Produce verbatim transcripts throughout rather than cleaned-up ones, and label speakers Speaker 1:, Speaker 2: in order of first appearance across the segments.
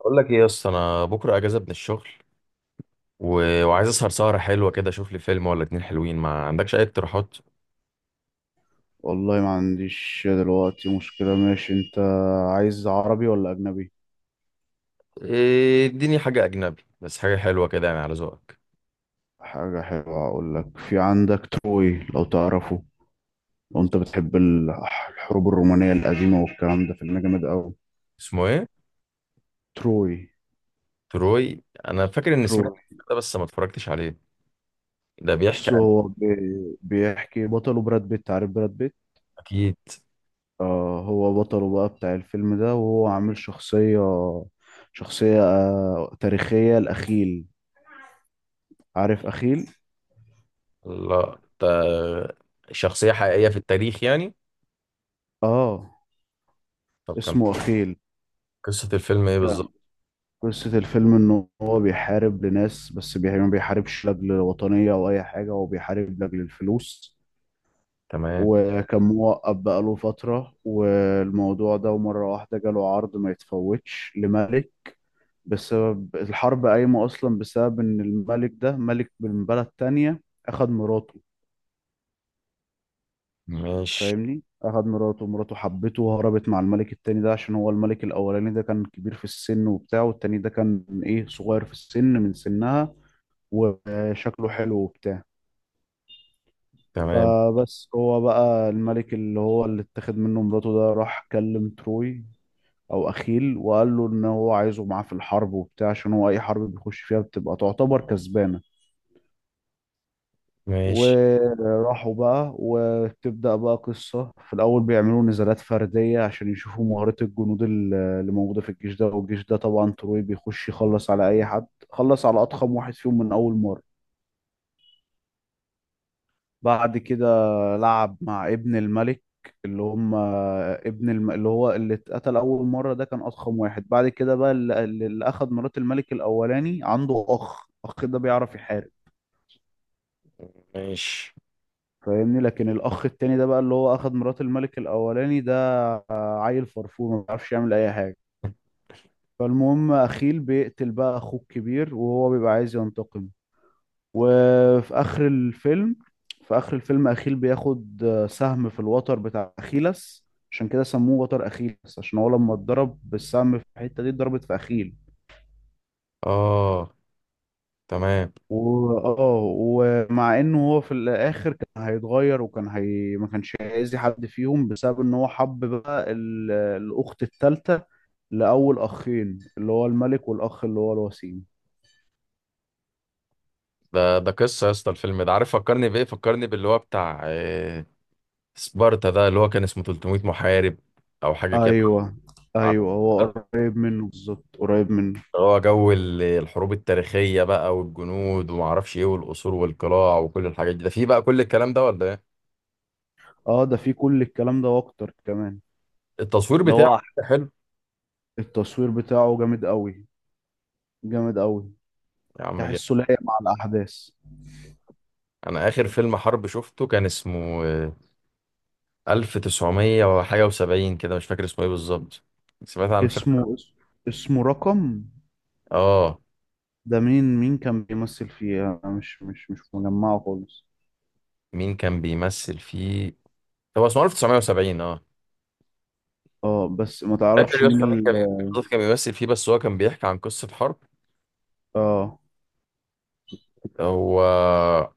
Speaker 1: اقول لك ايه يا اسطى، انا بكره اجازه من الشغل. و... وعايز اسهر سهره حلوه كده، اشوف لي فيلم ولا اتنين حلوين. ما عندكش اي اقتراحات؟
Speaker 2: والله ما عنديش دلوقتي مشكلة. ماشي، انت عايز عربي ولا اجنبي؟
Speaker 1: إيه، اديني حاجه اجنبي، بس حاجه حلوه كده يعني على ذوقك.
Speaker 2: حاجة حلوة اقول لك، في عندك تروي لو تعرفه. لو انت بتحب ال- الحروب الرومانية القديمة والكلام ده، فيلم جامد اوي.
Speaker 1: اسمه ايه؟
Speaker 2: تروي.
Speaker 1: تروي، انا فاكر اني سمعت
Speaker 2: تروي.
Speaker 1: ده، بس ما اتفرجتش عليه. ده بيحكي
Speaker 2: بص،
Speaker 1: عن...
Speaker 2: هو بي- بيحكي، بطله براد بيت. عارف براد بيت؟
Speaker 1: اكيد.
Speaker 2: آه، هو بطله بقى بتاع الفيلم ده، وهو عامل شخصية شخصية آه تاريخية، الأخيل. عارف أخيل؟
Speaker 1: لا ده شخصيه حقيقيه في التاريخ يعني؟
Speaker 2: اه.
Speaker 1: طب كم...
Speaker 2: اسمه أخيل.
Speaker 1: قصه الفيلم ايه بالظبط؟
Speaker 2: قصة الفيلم إن هو بيحارب لناس، بس بي- يعني ما بيحاربش لأجل وطنية أو أي حاجة، هو بيحارب لأجل الفلوس.
Speaker 1: تمام.
Speaker 2: وكان موقف بقاله فترة والموضوع ده، ومرة واحدة جاله عرض ما يتفوتش لملك. بسبب الحرب قايمة أصلا بسبب إن الملك ده، ملك من بلد تانية أخد مراته.
Speaker 1: ماشي.
Speaker 2: فاهمني؟ أخد مراته. مراته حبته وهربت مع الملك التاني ده، عشان هو الملك الأولاني ده كان كبير في السن وبتاع، والتاني ده كان إيه، صغير في السن من سنها، وشكله حلو وبتاع.
Speaker 1: تمام.
Speaker 2: فبس هو بقى الملك، اللي هو اللي اتخذ منه مراته ده، راح كلم تروي او اخيل، وقال له ان هو عايزه معاه في الحرب وبتاع، عشان هو اي حرب بيخش فيها بتبقى تعتبر كسبانة.
Speaker 1: ماشي.
Speaker 2: وراحوا بقى، وتبدأ بقى قصة. في الأول بيعملوا نزالات فردية عشان يشوفوا مهارة الجنود ال- اللي موجودة في الجيش ده، والجيش ده طبعا تروي بيخش يخلص على أي حد، خلص على أضخم واحد فيهم من أول مرة. بعد كده لعب مع ابن الملك، اللي هم ابن الم... اللي هو اللي اتقتل أول مرة ده كان أضخم واحد. بعد كده بقى اللي, اللي أخد مرات الملك الأولاني، عنده أخ أخ ده بيعرف يحارب.
Speaker 1: ماشي.
Speaker 2: فاهمني؟ لكن الأخ التاني ده بقى، اللي هو أخد مرات الملك الأولاني ده، عيل فرفور ما بيعرفش يعمل أي حاجة. فالمهم أخيل بيقتل بقى أخوه الكبير، وهو بيبقى عايز ينتقم. وفي آخر الفيلم في آخر الفيلم أخيل بياخد آه، سهم في الوتر بتاع أخيلس. عشان كده سموه وتر أخيلس، عشان هو لما اتضرب بالسهم في الحتة دي اتضربت في أخيل.
Speaker 1: اه. تمام.
Speaker 2: و... اه ومع انه هو في الاخر كان هيتغير، وكان هي... ما كانش هيأذي حد فيهم، بسبب ان هو حب بقى ال... الاخت الثالثه. لاول اخين، اللي هو الملك والاخ اللي هو الوسيم.
Speaker 1: ده ده قصة يا اسطى، الفيلم ده عارف فكرني بإيه؟ فكرني باللي هو بتاع آه، سبارتا، ده اللي هو كان اسمه ثلاث مية محارب أو حاجة كده.
Speaker 2: ايوه،
Speaker 1: عارف
Speaker 2: ايوه، هو قريب منه بالظبط، قريب منه.
Speaker 1: اللي هو جو ال- الحروب التاريخية بقى والجنود ومعرفش إيه والقصور والقلاع وكل الحاجات دي، ده فيه بقى كل الكلام ده ولا إيه؟
Speaker 2: اه، ده فيه كل الكلام ده واكتر كمان.
Speaker 1: التصوير
Speaker 2: ده هو
Speaker 1: بتاعه
Speaker 2: أح-
Speaker 1: حلو.
Speaker 2: التصوير بتاعه جامد قوي، جامد قوي.
Speaker 1: يا عم جد.
Speaker 2: تحسه لايق مع الاحداث.
Speaker 1: أنا آخر فيلم حرب شفته كان اسمه آه، ألف وتسع مية وحاجة وسبعين كده، مش فاكر اسمه إيه بالظبط. سمعت عن الفيلم؟
Speaker 2: اسمه اس- اسمه رقم.
Speaker 1: آه.
Speaker 2: ده مين مين كان بيمثل فيه؟ انا مش مش مش مجمعه خالص.
Speaker 1: مين كان بيمثل فيه؟ هو اسمه ألف وتسع مية وسبعين. اه.
Speaker 2: اه، بس ما
Speaker 1: فاكر
Speaker 2: تعرفش
Speaker 1: يا اسطى
Speaker 2: مين
Speaker 1: مين كان
Speaker 2: ال
Speaker 1: بالظبط كان بيمثل فيه؟ بس هو كان بيحكي عن قصة حرب.
Speaker 2: اه
Speaker 1: هو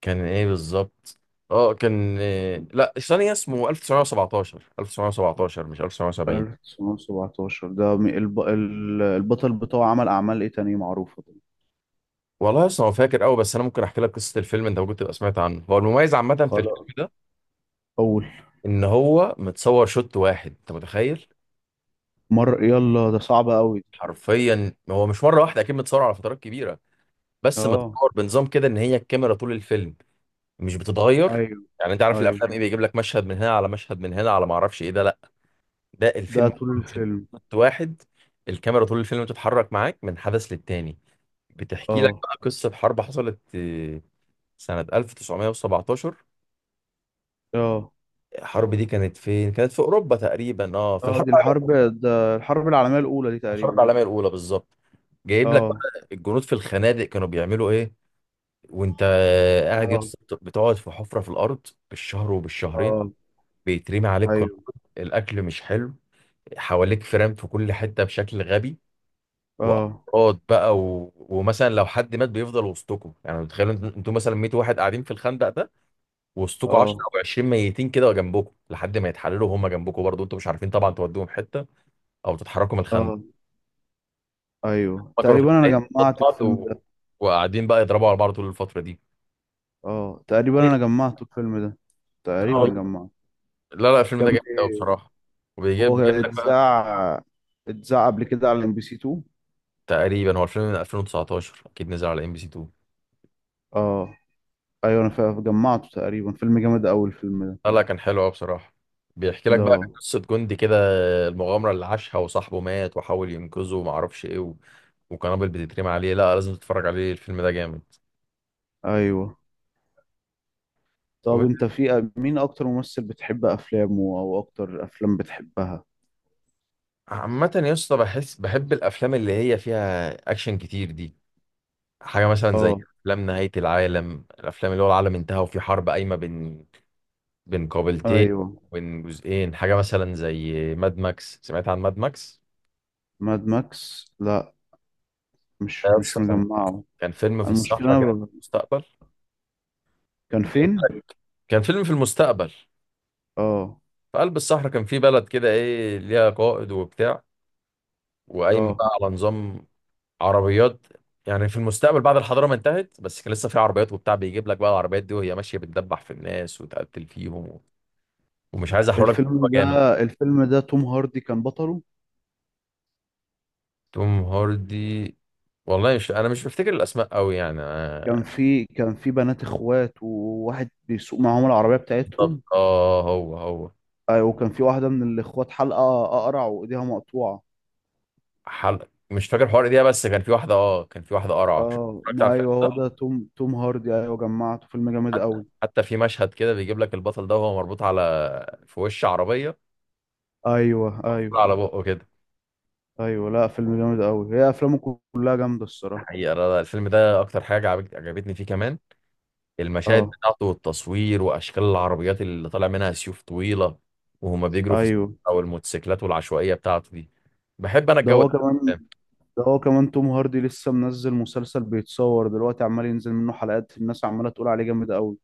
Speaker 1: كان ايه بالظبط؟ اه كان إيه... لا ثانية، اسمه ألف وتسع مية وسبعتاشر، ألف وتسع مية وسبعتاشر مش ألف وتسع مية وسبعين.
Speaker 2: ألف تسعمية وسبعتاشر ده مي- الب... ال- البطل بتاعه عمل اعمال ايه تانية معروفة ده؟
Speaker 1: والله اصلا هو فاكر قوي. بس انا ممكن احكي لك قصة الفيلم، انت ممكن تبقى سمعت عنه. هو المميز عامة في الفيلم
Speaker 2: خلاص.
Speaker 1: ده
Speaker 2: اول
Speaker 1: ان هو متصور شوت واحد، انت متخيل؟
Speaker 2: مرة، يلا، ده صعب قوي.
Speaker 1: حرفيا هو مش مرة واحدة، اكيد متصور على فترات كبيرة، بس
Speaker 2: اه.
Speaker 1: متصور بنظام كده ان هي الكاميرا طول الفيلم مش بتتغير.
Speaker 2: ايوه،
Speaker 1: يعني انت عارف
Speaker 2: ايوه.
Speaker 1: الافلام ايه، بيجيب لك مشهد من هنا على مشهد من هنا على ما اعرفش ايه؟ ده لا، ده
Speaker 2: ده
Speaker 1: الفيلم
Speaker 2: طول
Speaker 1: كله
Speaker 2: الفيلم.
Speaker 1: شوت واحد. الكاميرا طول الفيلم بتتحرك معاك من حدث للتاني. بتحكي لك
Speaker 2: اه،
Speaker 1: بقى قصة حرب حصلت آه، سنة ألف وتسع مية وسبعتاشر.
Speaker 2: اه،
Speaker 1: الحرب دي كانت فين؟ كانت في أوروبا تقريبا، اه في
Speaker 2: اه.
Speaker 1: الحرب
Speaker 2: دي
Speaker 1: العالمية
Speaker 2: الحرب
Speaker 1: الأولى.
Speaker 2: ده الحرب العالمية الأولى دي
Speaker 1: الحرب
Speaker 2: تقريبا.
Speaker 1: العالمية الأولى بالظبط. جايب لك
Speaker 2: اه،
Speaker 1: بقى الجنود في الخنادق كانوا بيعملوا ايه. وانت قاعد يا
Speaker 2: اه،
Speaker 1: اسطى، بتقعد في حفرة في الأرض بالشهر وبالشهرين،
Speaker 2: اه،
Speaker 1: بيترمي عليك قنابل،
Speaker 2: ايوه،
Speaker 1: الأكل مش حلو، حواليك فرام في كل حته بشكل غبي،
Speaker 2: اه،
Speaker 1: وافراد بقى و... ومثلا لو حد مات بيفضل وسطكم. يعني تخيلوا انت- انتوا مثلا مية واحد قاعدين في الخندق ده، وسطكم عشرة
Speaker 2: اه،
Speaker 1: او عشرين ميتين كده جنبكم لحد ما يتحللوا وهم جنبكم برضه، انتوا مش عارفين طبعا تودوهم حته او تتحركوا من الخندق.
Speaker 2: اه، ايوه
Speaker 1: ما كانوا
Speaker 2: تقريبا انا
Speaker 1: خايفين قصاد
Speaker 2: جمعت
Speaker 1: بعض
Speaker 2: الفيلم ده.
Speaker 1: و... وقاعدين بقى يضربوا على بعض طول الفتره دي.
Speaker 2: اه تقريبا انا جمعت الفيلم ده، تقريبا
Speaker 1: آه.
Speaker 2: جمعت.
Speaker 1: لا لا، الفيلم ده
Speaker 2: كان
Speaker 1: جامد قوي بصراحه. وبيجيب
Speaker 2: هو
Speaker 1: بيجيب لك بقى.
Speaker 2: اتذاع اتذاع قبل كده على ام بي سي اتنين.
Speaker 1: تقريبا هو الفيلم من ألفين وتسعتاشر، اكيد نزل على ام بي سي اتنين.
Speaker 2: اه، ايوه، انا فا- جمعته تقريبا، فيلم جامد قوي الفيلم ده
Speaker 1: لا لا كان حلو قوي بصراحة. بيحكي لك
Speaker 2: ده
Speaker 1: بقى قصة جندي كده، المغامرة اللي عاشها وصاحبه مات وحاول ينقذه وما اعرفش ايه و... وقنابل بتترمي عليه. لا لازم تتفرج عليه، الفيلم ده جامد.
Speaker 2: ايوه. طب
Speaker 1: و-
Speaker 2: انت في مين اكتر ممثل بتحب افلامه، او اكتر افلام بتحبها؟
Speaker 1: عامة يا اسطى بحس بحب الافلام اللي هي فيها اكشن كتير دي. حاجة مثلا زي
Speaker 2: اه.
Speaker 1: افلام نهاية العالم، الافلام اللي هو العالم انتهى وفي حرب قايمة بين بين قابلتين،
Speaker 2: ايوه.
Speaker 1: بين جزئين. حاجة مثلا زي ماد ماكس، سمعت عن ماد ماكس؟
Speaker 2: ماد ماكس، لا،
Speaker 1: ده
Speaker 2: مش
Speaker 1: يا
Speaker 2: مش
Speaker 1: اسطى كان
Speaker 2: مجمعه.
Speaker 1: كان فيلم في
Speaker 2: المشكلة
Speaker 1: الصحراء كده
Speaker 2: أنا ب...
Speaker 1: في المستقبل.
Speaker 2: كان فين؟
Speaker 1: كان فيلم في المستقبل
Speaker 2: اه.
Speaker 1: في قلب الصحراء، كان في بلد كده ايه ليها قائد وبتاع، وقايم
Speaker 2: اه.
Speaker 1: بقى على نظام عربيات. يعني في المستقبل بعد الحضاره ما انتهت، بس كان لسه في عربيات وبتاع. بيجيب لك بقى العربيات دي وهي ماشيه بتدبح في الناس وتقتل فيهم و... ومش عايز احرق لك، الموضوع
Speaker 2: الفيلم ده
Speaker 1: جامد.
Speaker 2: الفيلم ده توم هاردي كان بطله.
Speaker 1: توم هاردي؟ والله مش، انا مش بفتكر الاسماء قوي يعني
Speaker 2: كان
Speaker 1: آه،
Speaker 2: في كان في بنات اخوات، وواحد بيسوق معاهم العربية بتاعتهم.
Speaker 1: بالظبط اه هو هو.
Speaker 2: ايوه، وكان في واحدة من الاخوات حلقة اقرع وايديها مقطوعة.
Speaker 1: حلقه مش فاكر حوار ايه، بس كان في واحده اه كان في واحده قرعه شفت-
Speaker 2: اه،
Speaker 1: اتفرجت على
Speaker 2: ما،
Speaker 1: الفيلم
Speaker 2: ايوه،
Speaker 1: ده.
Speaker 2: هو ده توم توم هاردي، ايوه جمعته، فيلم جامد
Speaker 1: حتى
Speaker 2: قوي.
Speaker 1: حتى في مشهد كده بيجيب لك البطل ده وهو مربوط على في وش عربيه،
Speaker 2: ايوه،
Speaker 1: مقفول
Speaker 2: ايوه،
Speaker 1: على بقه كده.
Speaker 2: ايوه، لا، فيلم جامد قوي، هي افلامه كلها جامدة الصراحة.
Speaker 1: حقيقه لا لا، الفيلم ده اكتر حاجه عجبت- عجبتني فيه كمان المشاهد
Speaker 2: اه.
Speaker 1: بتاعته والتصوير واشكال العربيات اللي طالع منها سيوف طويله وهما بيجروا في الصحراء،
Speaker 2: ايوه.
Speaker 1: او الموتوسيكلات والعشوائيه بتاعته دي. بحب انا
Speaker 2: ده
Speaker 1: الجو ده.
Speaker 2: هو كمان ده هو كمان توم هاردي لسه منزل مسلسل بيتصور دلوقتي، عمال ينزل منه حلقات، الناس عمالة تقول عليه جامد قوي.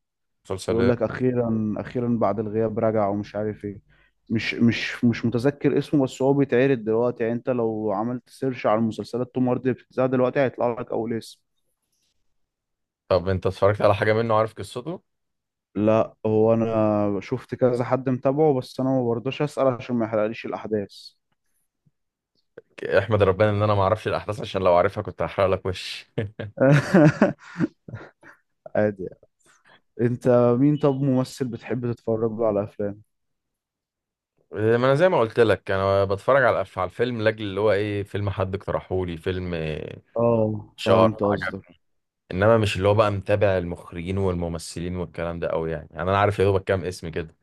Speaker 1: مسلسل
Speaker 2: بيقول
Speaker 1: ايه؟
Speaker 2: لك اخيرا، اخيرا بعد الغياب رجع ومش عارف ايه. مش مش مش متذكر اسمه، بس هو بيتعرض دلوقتي، يعني انت لو عملت سيرش على المسلسلات توم هاردي اللي بتتذاع دلوقتي هيطلع لك اول اسم.
Speaker 1: طب انت اتفرجت على حاجه منه؟ عارف قصته؟
Speaker 2: لا، هو انا شفت كذا حد متابعه، بس انا ما برضاش اسأل عشان ما يحرقليش الاحداث.
Speaker 1: احمد ربنا ان انا ما اعرفش الاحداث، عشان لو عارفها كنت هحرق لك وش.
Speaker 2: عادي يعني. انت، مين طب ممثل بتحب تتفرج له على افلام؟
Speaker 1: ما انا زي ما قلت لك، انا بتفرج على الأف- على الفيلم لاجل اللي هو ايه، فيلم حد اقترحه لي، فيلم إيه،
Speaker 2: اه،
Speaker 1: شهر،
Speaker 2: فهمت
Speaker 1: عجب.
Speaker 2: قصدك.
Speaker 1: انما مش اللي هو بقى متابع المخرجين والممثلين والكلام ده قوي يعني، يعني انا عارف يا دوبك كام اسم كده.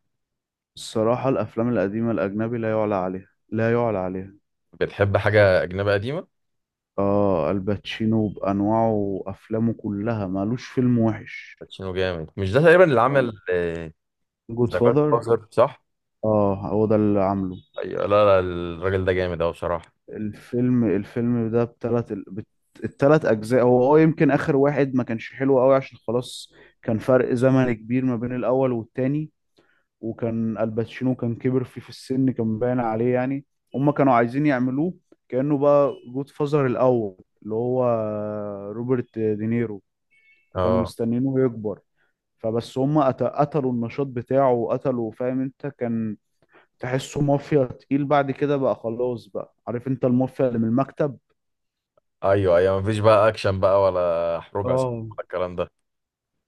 Speaker 2: الصراحة الأفلام القديمة الأجنبي لا يعلى عليها، لا يعلى عليها.
Speaker 1: بتحب حاجه اجنبيه قديمه؟
Speaker 2: آه، الباتشينو بأنواعه وأفلامه كلها مالوش فيلم وحش.
Speaker 1: باتشينو جامد. مش ده تقريبا اللي عمل
Speaker 2: جود
Speaker 1: ذا جاد
Speaker 2: فاذر.
Speaker 1: فازر؟ صح؟
Speaker 2: آه، هو ده اللي عامله.
Speaker 1: ايوه. لا لا الراجل ده جامد قوي بصراحه.
Speaker 2: الفيلم الفيلم ده بتلات ال- بت- التلات أجزاء هو، اه يمكن آخر واحد ما كانش حلو أوي، عشان خلاص كان فرق زمن كبير ما بين الأول والتاني. وكان الباتشينو كان كبر فيه في السن، كان باين عليه يعني. هما كانوا عايزين يعملوه كأنه بقى جود فازر الأول، اللي هو روبرت دينيرو، فكانوا
Speaker 1: اه.
Speaker 2: مستنيينه يكبر. فبس هما قت- قتلوا النشاط بتاعه وقتلوا. فاهم انت؟ كان تحسه مافيا تقيل. بعد كده بقى خلاص بقى، عارف انت، المافيا اللي من المكتب.
Speaker 1: ايوه ايوه، مفيش بقى اكشن بقى ولا حروب عصابات
Speaker 2: اه.
Speaker 1: ولا الكلام ده.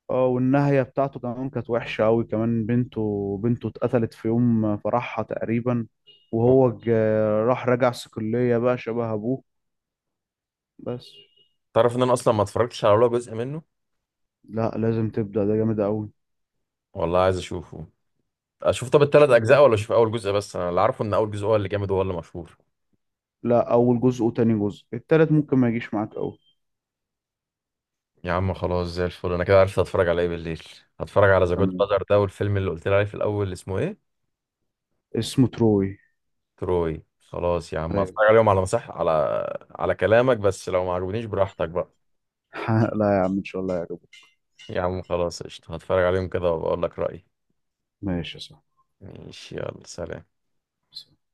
Speaker 2: اه. والنهاية بتاعته كمان كانت وحشة أوي كمان، بنته بنته اتقتلت في يوم فرحها تقريبا. وهو ج- راح رجع صقلية بقى شبه أبوه. بس.
Speaker 1: تعرف ان انا اصلا ما اتفرجتش على ولا جزء منه.
Speaker 2: لا، لازم تبدأ، ده جامد أوي.
Speaker 1: والله عايز اشوفه. اشوف طب التلات
Speaker 2: شوف،
Speaker 1: اجزاء ولا اشوف اول جزء بس؟ انا اللي عارفه ان اول جزء هو اللي جامد وهو اللي مشهور.
Speaker 2: لا، أول جزء وتاني جزء، التالت ممكن ما يجيش معاك أوي.
Speaker 1: يا عم خلاص زي الفل، انا كده عرفت هتفرج على ايه بالليل. هتفرج على ذا جود
Speaker 2: تمام.
Speaker 1: فازر ده والفيلم اللي قلت لي عليه في الاول اللي اسمه ايه؟
Speaker 2: اسمه تروي.
Speaker 1: تروي. خلاص يا عم، هتفرج
Speaker 2: أيوة.
Speaker 1: عليهم على مساح، على على كلامك، بس لو ما عجبنيش براحتك بقى.
Speaker 2: لا يا عم، إن شاء الله يعجبك.
Speaker 1: يا عم خلاص قشطة، هتفرج عليهم كده وبقول لك رأيي.
Speaker 2: ماشي يا
Speaker 1: ماشي يلا سلام.
Speaker 2: صاحبي.